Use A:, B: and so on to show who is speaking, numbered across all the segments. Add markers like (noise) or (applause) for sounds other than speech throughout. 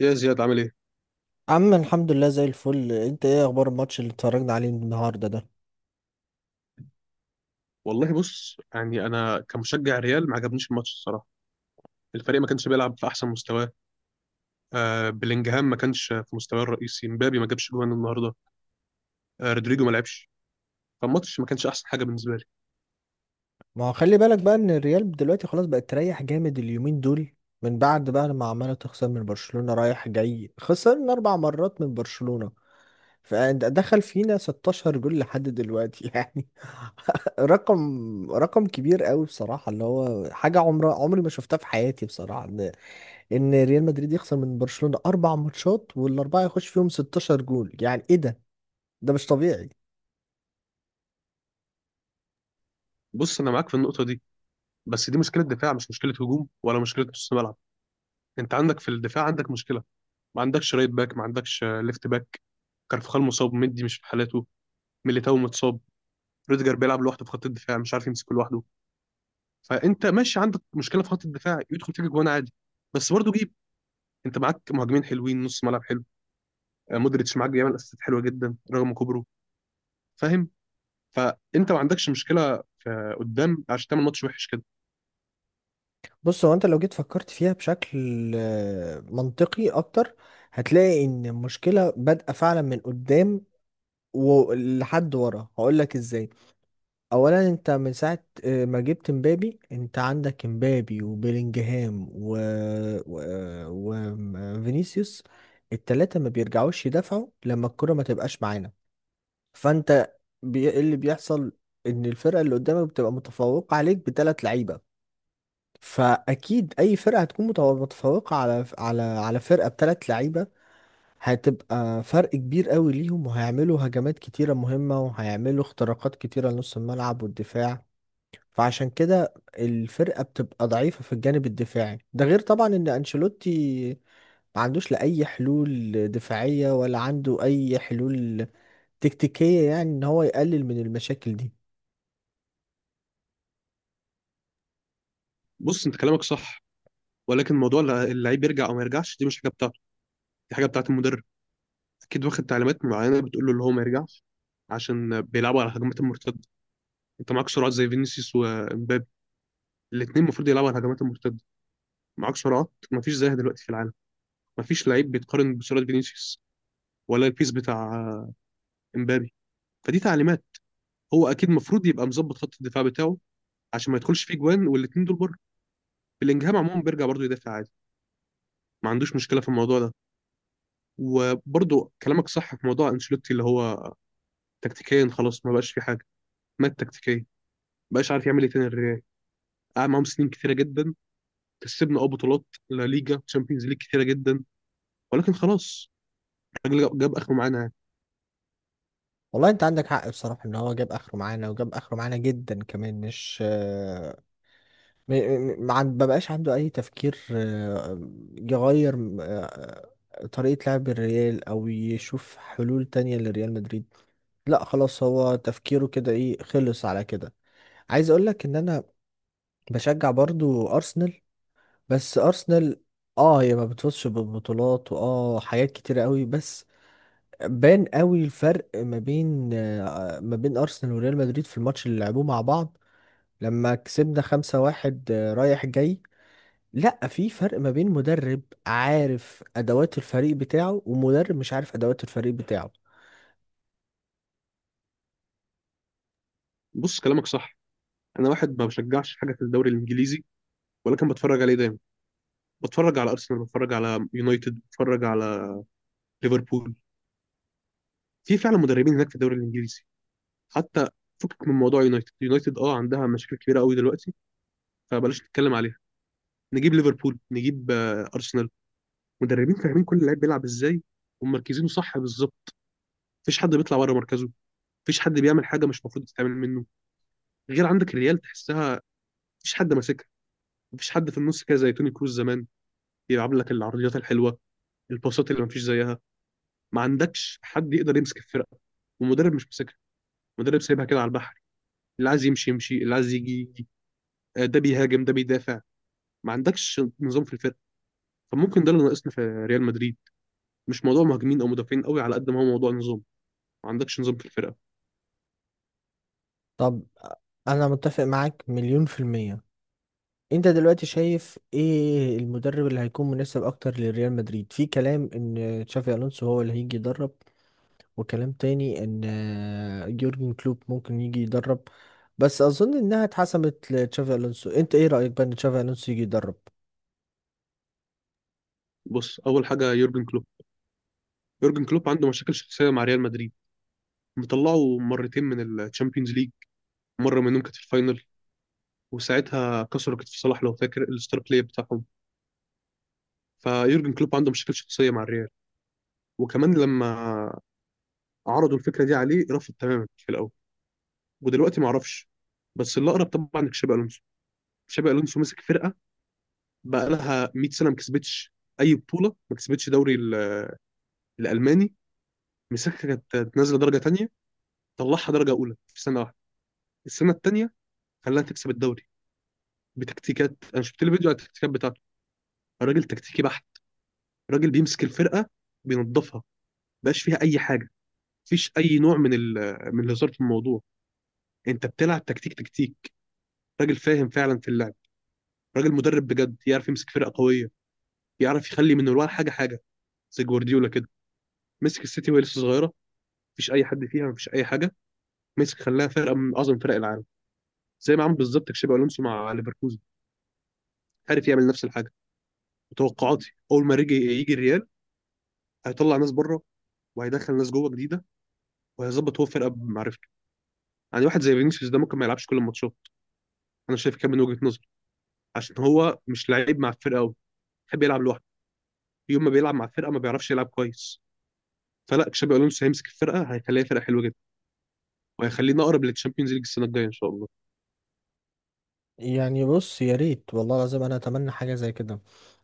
A: يا زياد عامل ايه؟
B: عم الحمد لله زي الفل. انت ايه اخبار الماتش اللي اتفرجنا عليه النهارده ده؟
A: والله بص يعني انا كمشجع ريال ما عجبنيش الماتش الصراحه، الفريق ما كانش بيلعب في احسن مستواه، بلينجهام ما كانش في مستواه الرئيسي، مبابي ما جابش جوان النهارده، رودريجو ما لعبش، فالماتش ما كانش احسن حاجه بالنسبه لي.
B: ما هو خلي بالك بقى ان الريال دلوقتي خلاص بقت تريح جامد اليومين دول من بعد بقى لما عماله تخسر من برشلونة رايح جاي. خسرنا اربع مرات من برشلونة فدخل فينا 16 جول لحد دلوقتي (laughs) يعني رقم كبير قوي بصراحة، اللي هو حاجة عمري ما شفتها في حياتي بصراحة، ان ريال مدريد يخسر من برشلونة اربع ماتشات والاربعة يخش فيهم 16 جول، يعني ايه ده؟ ده مش طبيعي.
A: بص انا معاك في النقطه دي، بس دي مشكله دفاع مش مشكله هجوم ولا مشكله نص ملعب، انت عندك في الدفاع عندك مشكله، ما عندكش رايت باك، ما عندكش ليفت باك، كارفخال مصاب، مندي مش في حالاته، ميليتاو متصاب، روديجر بيلعب لوحده في خط الدفاع مش عارف يمسك لوحده، فانت ماشي عندك مشكله في خط الدفاع يدخل فيك جوان عادي. بس برضه جيب، انت معاك مهاجمين حلوين نص ملعب حلو، مودريتش معاك بيعمل اسيستات حلوه جدا رغم كبره. فاهم؟ فانت ما عندكش مشكله في قدام عشان تعمل ماتش وحش كده.
B: بص، هو انت لو جيت فكرت فيها بشكل منطقي اكتر هتلاقي ان المشكله بادئه فعلا من قدام ولحد ورا، هقول لك ازاي. اولا انت من ساعه ما جبت مبابي، انت عندك مبابي وبيلينجهام و... وفينيسيوس. التلاته ما بيرجعوش يدافعوا لما الكره ما تبقاش معانا. فانت إيه اللي بيحصل؟ ان الفرقه اللي قدامك بتبقى متفوقه عليك بثلاث لعيبه، فاكيد اي فرقه هتكون متفوقه على على فرقه بثلاث لعيبه هتبقى فرق كبير قوي ليهم، وهيعملوا هجمات كتيره مهمه وهيعملوا اختراقات كتيره لنص الملعب والدفاع. فعشان كده الفرقه بتبقى ضعيفه في الجانب الدفاعي، ده غير طبعا ان انشيلوتي ما عندوش لا اي حلول دفاعيه ولا عنده اي حلول تكتيكيه يعني ان هو يقلل من المشاكل دي.
A: بص انت كلامك صح، ولكن موضوع اللعيب يرجع او ما يرجعش دي مش حاجه بتاعته، دي حاجه بتاعت المدرب. اكيد واخد تعليمات معينه بتقول له اللي هو ما يرجعش عشان بيلعبوا على الهجمات المرتده. انت معاك سرعات زي فينيسيوس ومبابي، الاثنين المفروض يلعبوا على الهجمات المرتده. معاك سرعات ما فيش زيها دلوقتي في العالم، مفيش لعيب بيتقارن بسرعه فينيسيوس ولا البيس بتاع امبابي. فدي تعليمات. هو اكيد المفروض يبقى مظبط خط الدفاع بتاعه عشان ما يدخلش فيه جوان والاثنين دول بره. بلينجهام عموما بيرجع برضه يدافع عادي، ما عندوش مشكله في الموضوع ده. وبرضه كلامك صح في موضوع انشيلوتي اللي هو تكتيكيا خلاص ما بقاش في حاجه. مات تكتيكيا، ما بقاش عارف يعمل ايه تاني الريال. قعد معاهم سنين كتيره جدا، كسبنا بطولات، لا ليجا تشامبيونز ليج كتيره جدا، ولكن خلاص، الراجل جاب اخره معانا يعني.
B: والله انت عندك حق بصراحة، ان هو جاب اخره معانا وجاب اخره معانا جدا كمان. مش م- م- ما عن- ببقاش عنده اي تفكير يغير طريقة لعب الريال او يشوف حلول تانية لريال مدريد. لا خلاص، هو تفكيره كده، ايه خلص على كده. عايز اقولك ان انا بشجع برضو ارسنال. بس ارسنال اه هي ما بتفوزش بالبطولات واه حاجات كتيرة قوي، بس بان قوي الفرق ما بين ما بين ارسنال وريال مدريد في الماتش اللي لعبوه مع بعض لما كسبنا خمسة واحد رايح جاي. لا، في فرق ما بين مدرب عارف ادوات الفريق بتاعه ومدرب مش عارف ادوات الفريق بتاعه.
A: بص كلامك صح، انا واحد ما بشجعش حاجه في الدوري الانجليزي ولا كان بتفرج عليه دايما. بتفرج على ارسنال، بتفرج على يونايتد، بتفرج على ليفربول. في فعلا مدربين هناك في الدوري الانجليزي حتى. فكك من موضوع يونايتد عندها مشاكل كبيره قوي دلوقتي، فبلاش نتكلم عليها. نجيب ليفربول، نجيب ارسنال، مدربين فاهمين كل لعيب بيلعب ازاي ومركزينه صح بالظبط. مفيش حد بيطلع بره مركزه، مفيش حد بيعمل حاجه مش المفروض تتعمل منه، غير عندك الريال تحسها مفيش حد ماسكها. مفيش حد في النص كده زي توني كروز زمان بيلعب لك العرضيات الحلوه، الباصات اللي مفيش زيها. ما عندكش حد يقدر يمسك الفرقه والمدرب مش ماسكها. المدرب سايبها كده على البحر، اللي عايز يمشي يمشي اللي عايز يجي يجي، ده بيهاجم ده بيدافع. ما عندكش نظام في الفرقه. فممكن ده اللي ناقصنا في ريال مدريد. مش موضوع مهاجمين او مدافعين قوي على قد ما هو موضوع نظام. ما عندكش نظام في الفرقه.
B: طب، انا متفق معاك مليون في المية. انت دلوقتي شايف ايه المدرب اللي هيكون مناسب اكتر لريال مدريد؟ في كلام ان تشافي الونسو هو اللي هيجي يدرب، وكلام تاني ان يورجن كلوب ممكن يجي يدرب، بس اظن انها اتحسمت لتشافي الونسو. انت ايه رأيك بقى ان تشافي الونسو يجي يدرب؟
A: بص اول حاجه يورجن كلوب، يورجن كلوب عنده مشاكل شخصيه مع ريال مدريد. مطلعه مرتين من الشامبيونز ليج، مره منهم كانت في الفاينل وساعتها كسروا كتف صلاح لو فاكر الستار بلاي بتاعهم. فيورجن كلوب عنده مشاكل شخصيه مع الريال. وكمان لما عرضوا الفكره دي عليه رفض تماما في الاول، ودلوقتي ما اعرفش. بس اللي اقرب طبعا تشابي الونسو. تشابي الونسو مسك فرقه بقى لها 100 سنه ما كسبتش اي بطوله، ما كسبتش دوري الالماني. مسكها كانت نازله درجه تانيه، طلعها درجه اولى في سنه واحده. السنه التانيه خلاها تكسب الدوري بتكتيكات. انا شفت له فيديو على التكتيكات بتاعته، الراجل تكتيكي بحت. الراجل بيمسك الفرقه بينظفها، مبقاش فيها اي حاجه، مفيش اي نوع من من الهزار في الموضوع. انت بتلعب تكتيك تكتيك. راجل فاهم فعلا في اللعب، راجل مدرب بجد يعرف يمسك فرقه قويه، يعرف يخلي من الورا حاجه حاجه، زي جوارديولا كده. مسك السيتي وهي لسه صغيره مفيش اي حد فيها مفيش اي حاجه، مسك خلاها فرقه من اعظم فرق العالم. زي ما عمل بالظبط تشابي الونسو مع ليفركوزن، عارف يعمل نفس الحاجه. وتوقعاتي اول ما يجي يجي الريال هيطلع ناس بره وهيدخل ناس جوه جديده وهيظبط هو فرقه بمعرفته. يعني واحد زي فينيسيوس ده ممكن ما يلعبش كل الماتشات، انا شايف كده من وجهه نظري، عشان هو مش لعيب مع الفرقه قوي، بيحب يلعب لوحده. يوم ما بيلعب مع الفرقه ما بيعرفش يلعب كويس. فلا تشابي الونسو هيمسك الفرقه هيخليها فرقه حلوه وهيخلينا اقرب للتشامبيونز ليج السنه الجايه ان شاء الله.
B: يعني بص، يا ريت والله العظيم، انا اتمنى حاجه زي كده.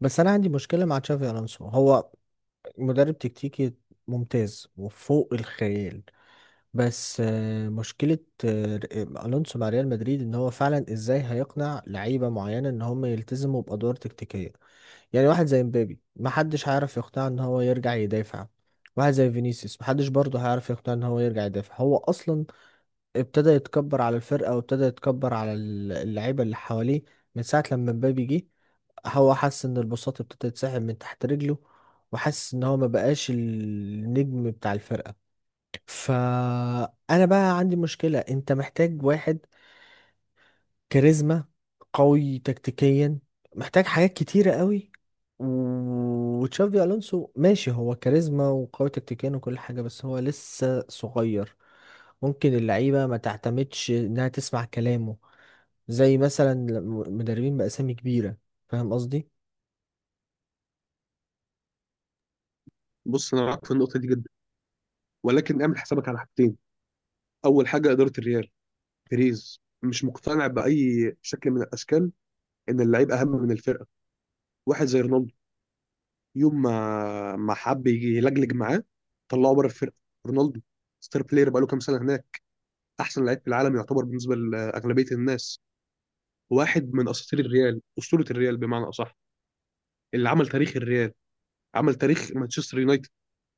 B: بس انا عندي مشكله مع تشافي الونسو. هو مدرب تكتيكي ممتاز وفوق الخيال، بس مشكله آه، الونسو مع ريال مدريد ان هو فعلا ازاي هيقنع لعيبه معينه ان هم يلتزموا بادوار تكتيكيه. يعني واحد زي مبابي محدش هيعرف يقنعه ان هو يرجع يدافع، واحد زي فينيسيوس محدش برضه هيعرف يقنعه ان هو يرجع يدافع. هو اصلا ابتدى يتكبر على الفرقة وابتدى يتكبر على اللعيبة اللي حواليه من ساعة لما مبابي جه. هو حس ان البساط ابتدى يتسحب من تحت رجله، وحس ان هو ما بقاش النجم بتاع الفرقة. فانا بقى عندي مشكلة، انت محتاج واحد كاريزما، قوي تكتيكيا، محتاج حاجات كتيرة قوي. وتشافي ألونسو ماشي هو كاريزما وقوي تكتيكيا وكل حاجة، بس هو لسه صغير، ممكن اللعيبة ما تعتمدش إنها تسمع كلامه زي مثلا مدربين بأسامي كبيرة. فاهم قصدي؟
A: بص انا معاك في النقطه دي جدا ولكن اعمل حسابك على حاجتين. اول حاجه اداره الريال، بيريز مش مقتنع باي شكل من الاشكال ان اللعيب اهم من الفرقه. واحد زي رونالدو، يوم ما حب يجي يلجلج معاه، طلعه بره الفرقه. رونالدو ستار بلاير بقاله كام سنه هناك، احسن لعيب في العالم يعتبر بالنسبه لاغلبيه الناس، واحد من اساطير الريال اسطوره الريال بمعنى اصح، اللي عمل تاريخ الريال، عمل تاريخ مانشستر يونايتد،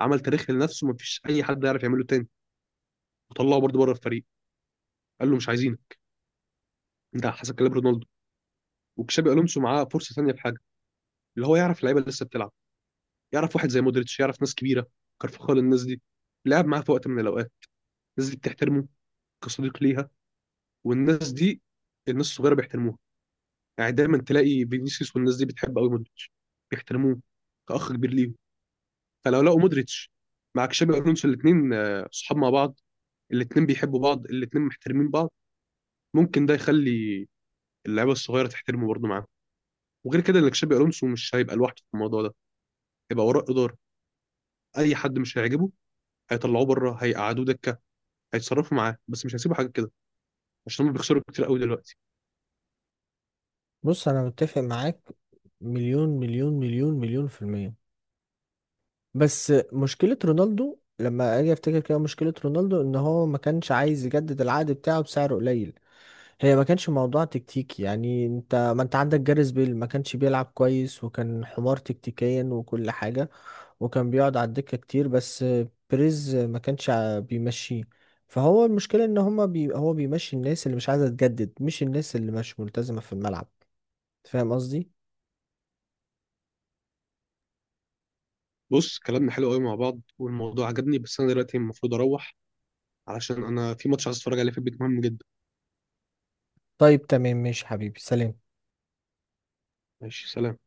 A: عمل تاريخ لنفسه مفيش اي حد يعرف يعمله تاني، وطلعه برضه بره الفريق، قال له مش عايزينك. انت حسب كلام رونالدو. وكشابي الونسو معاه فرصه ثانيه في حاجه، اللي هو يعرف اللعيبه اللي لسه بتلعب. يعرف واحد زي مودريتش، يعرف ناس كبيره كارفخال، الناس دي لعب معاه في وقت من الاوقات. الناس دي بتحترمه كصديق ليها. والناس دي الناس الصغيره بيحترموها. يعني دايما تلاقي فينيسيوس والناس دي بتحب قوي مودريتش، بيحترموه كاخ كبير ليهم. فلو لقوا مودريتش مع كشابي الونسو الاثنين صحاب مع بعض، الاثنين بيحبوا بعض الاثنين محترمين بعض، ممكن ده يخلي اللعيبه الصغيره تحترمه برضه معاه. وغير كده اللي تشابي الونسو مش هيبقى لوحده في الموضوع ده، هيبقى وراه اداره. اي حد مش هيعجبه هيطلعوه بره، هيقعدوه دكه، هيتصرفوا معاه، بس مش هيسيبوا حاجه كده عشان هم بيخسروا كتير قوي دلوقتي.
B: بص أنا متفق معاك مليون في المية. بس مشكلة رونالدو، لما أجي أفتكر كده، مشكلة رونالدو إن هو ما كانش عايز يجدد العقد بتاعه بسعر قليل. هي ما كانش موضوع تكتيكي يعني، انت ما انت عندك جاريث بيل ما كانش بيلعب كويس وكان حمار تكتيكيا وكل حاجة، وكان بيقعد على الدكة كتير، بس بريز ما كانش بيمشيه. فهو المشكلة ان هما بي هو بيمشي الناس اللي مش عايزة تجدد، مش الناس اللي مش ملتزمة في الملعب. فاهم قصدي؟
A: بص كلامنا حلو قوي مع بعض والموضوع عجبني، بس انا دلوقتي المفروض اروح علشان انا في ماتش عايز اتفرج عليه في البيت مهم جدا.
B: طيب تمام، ماشي حبيبي، سلام.
A: ماشي سلام.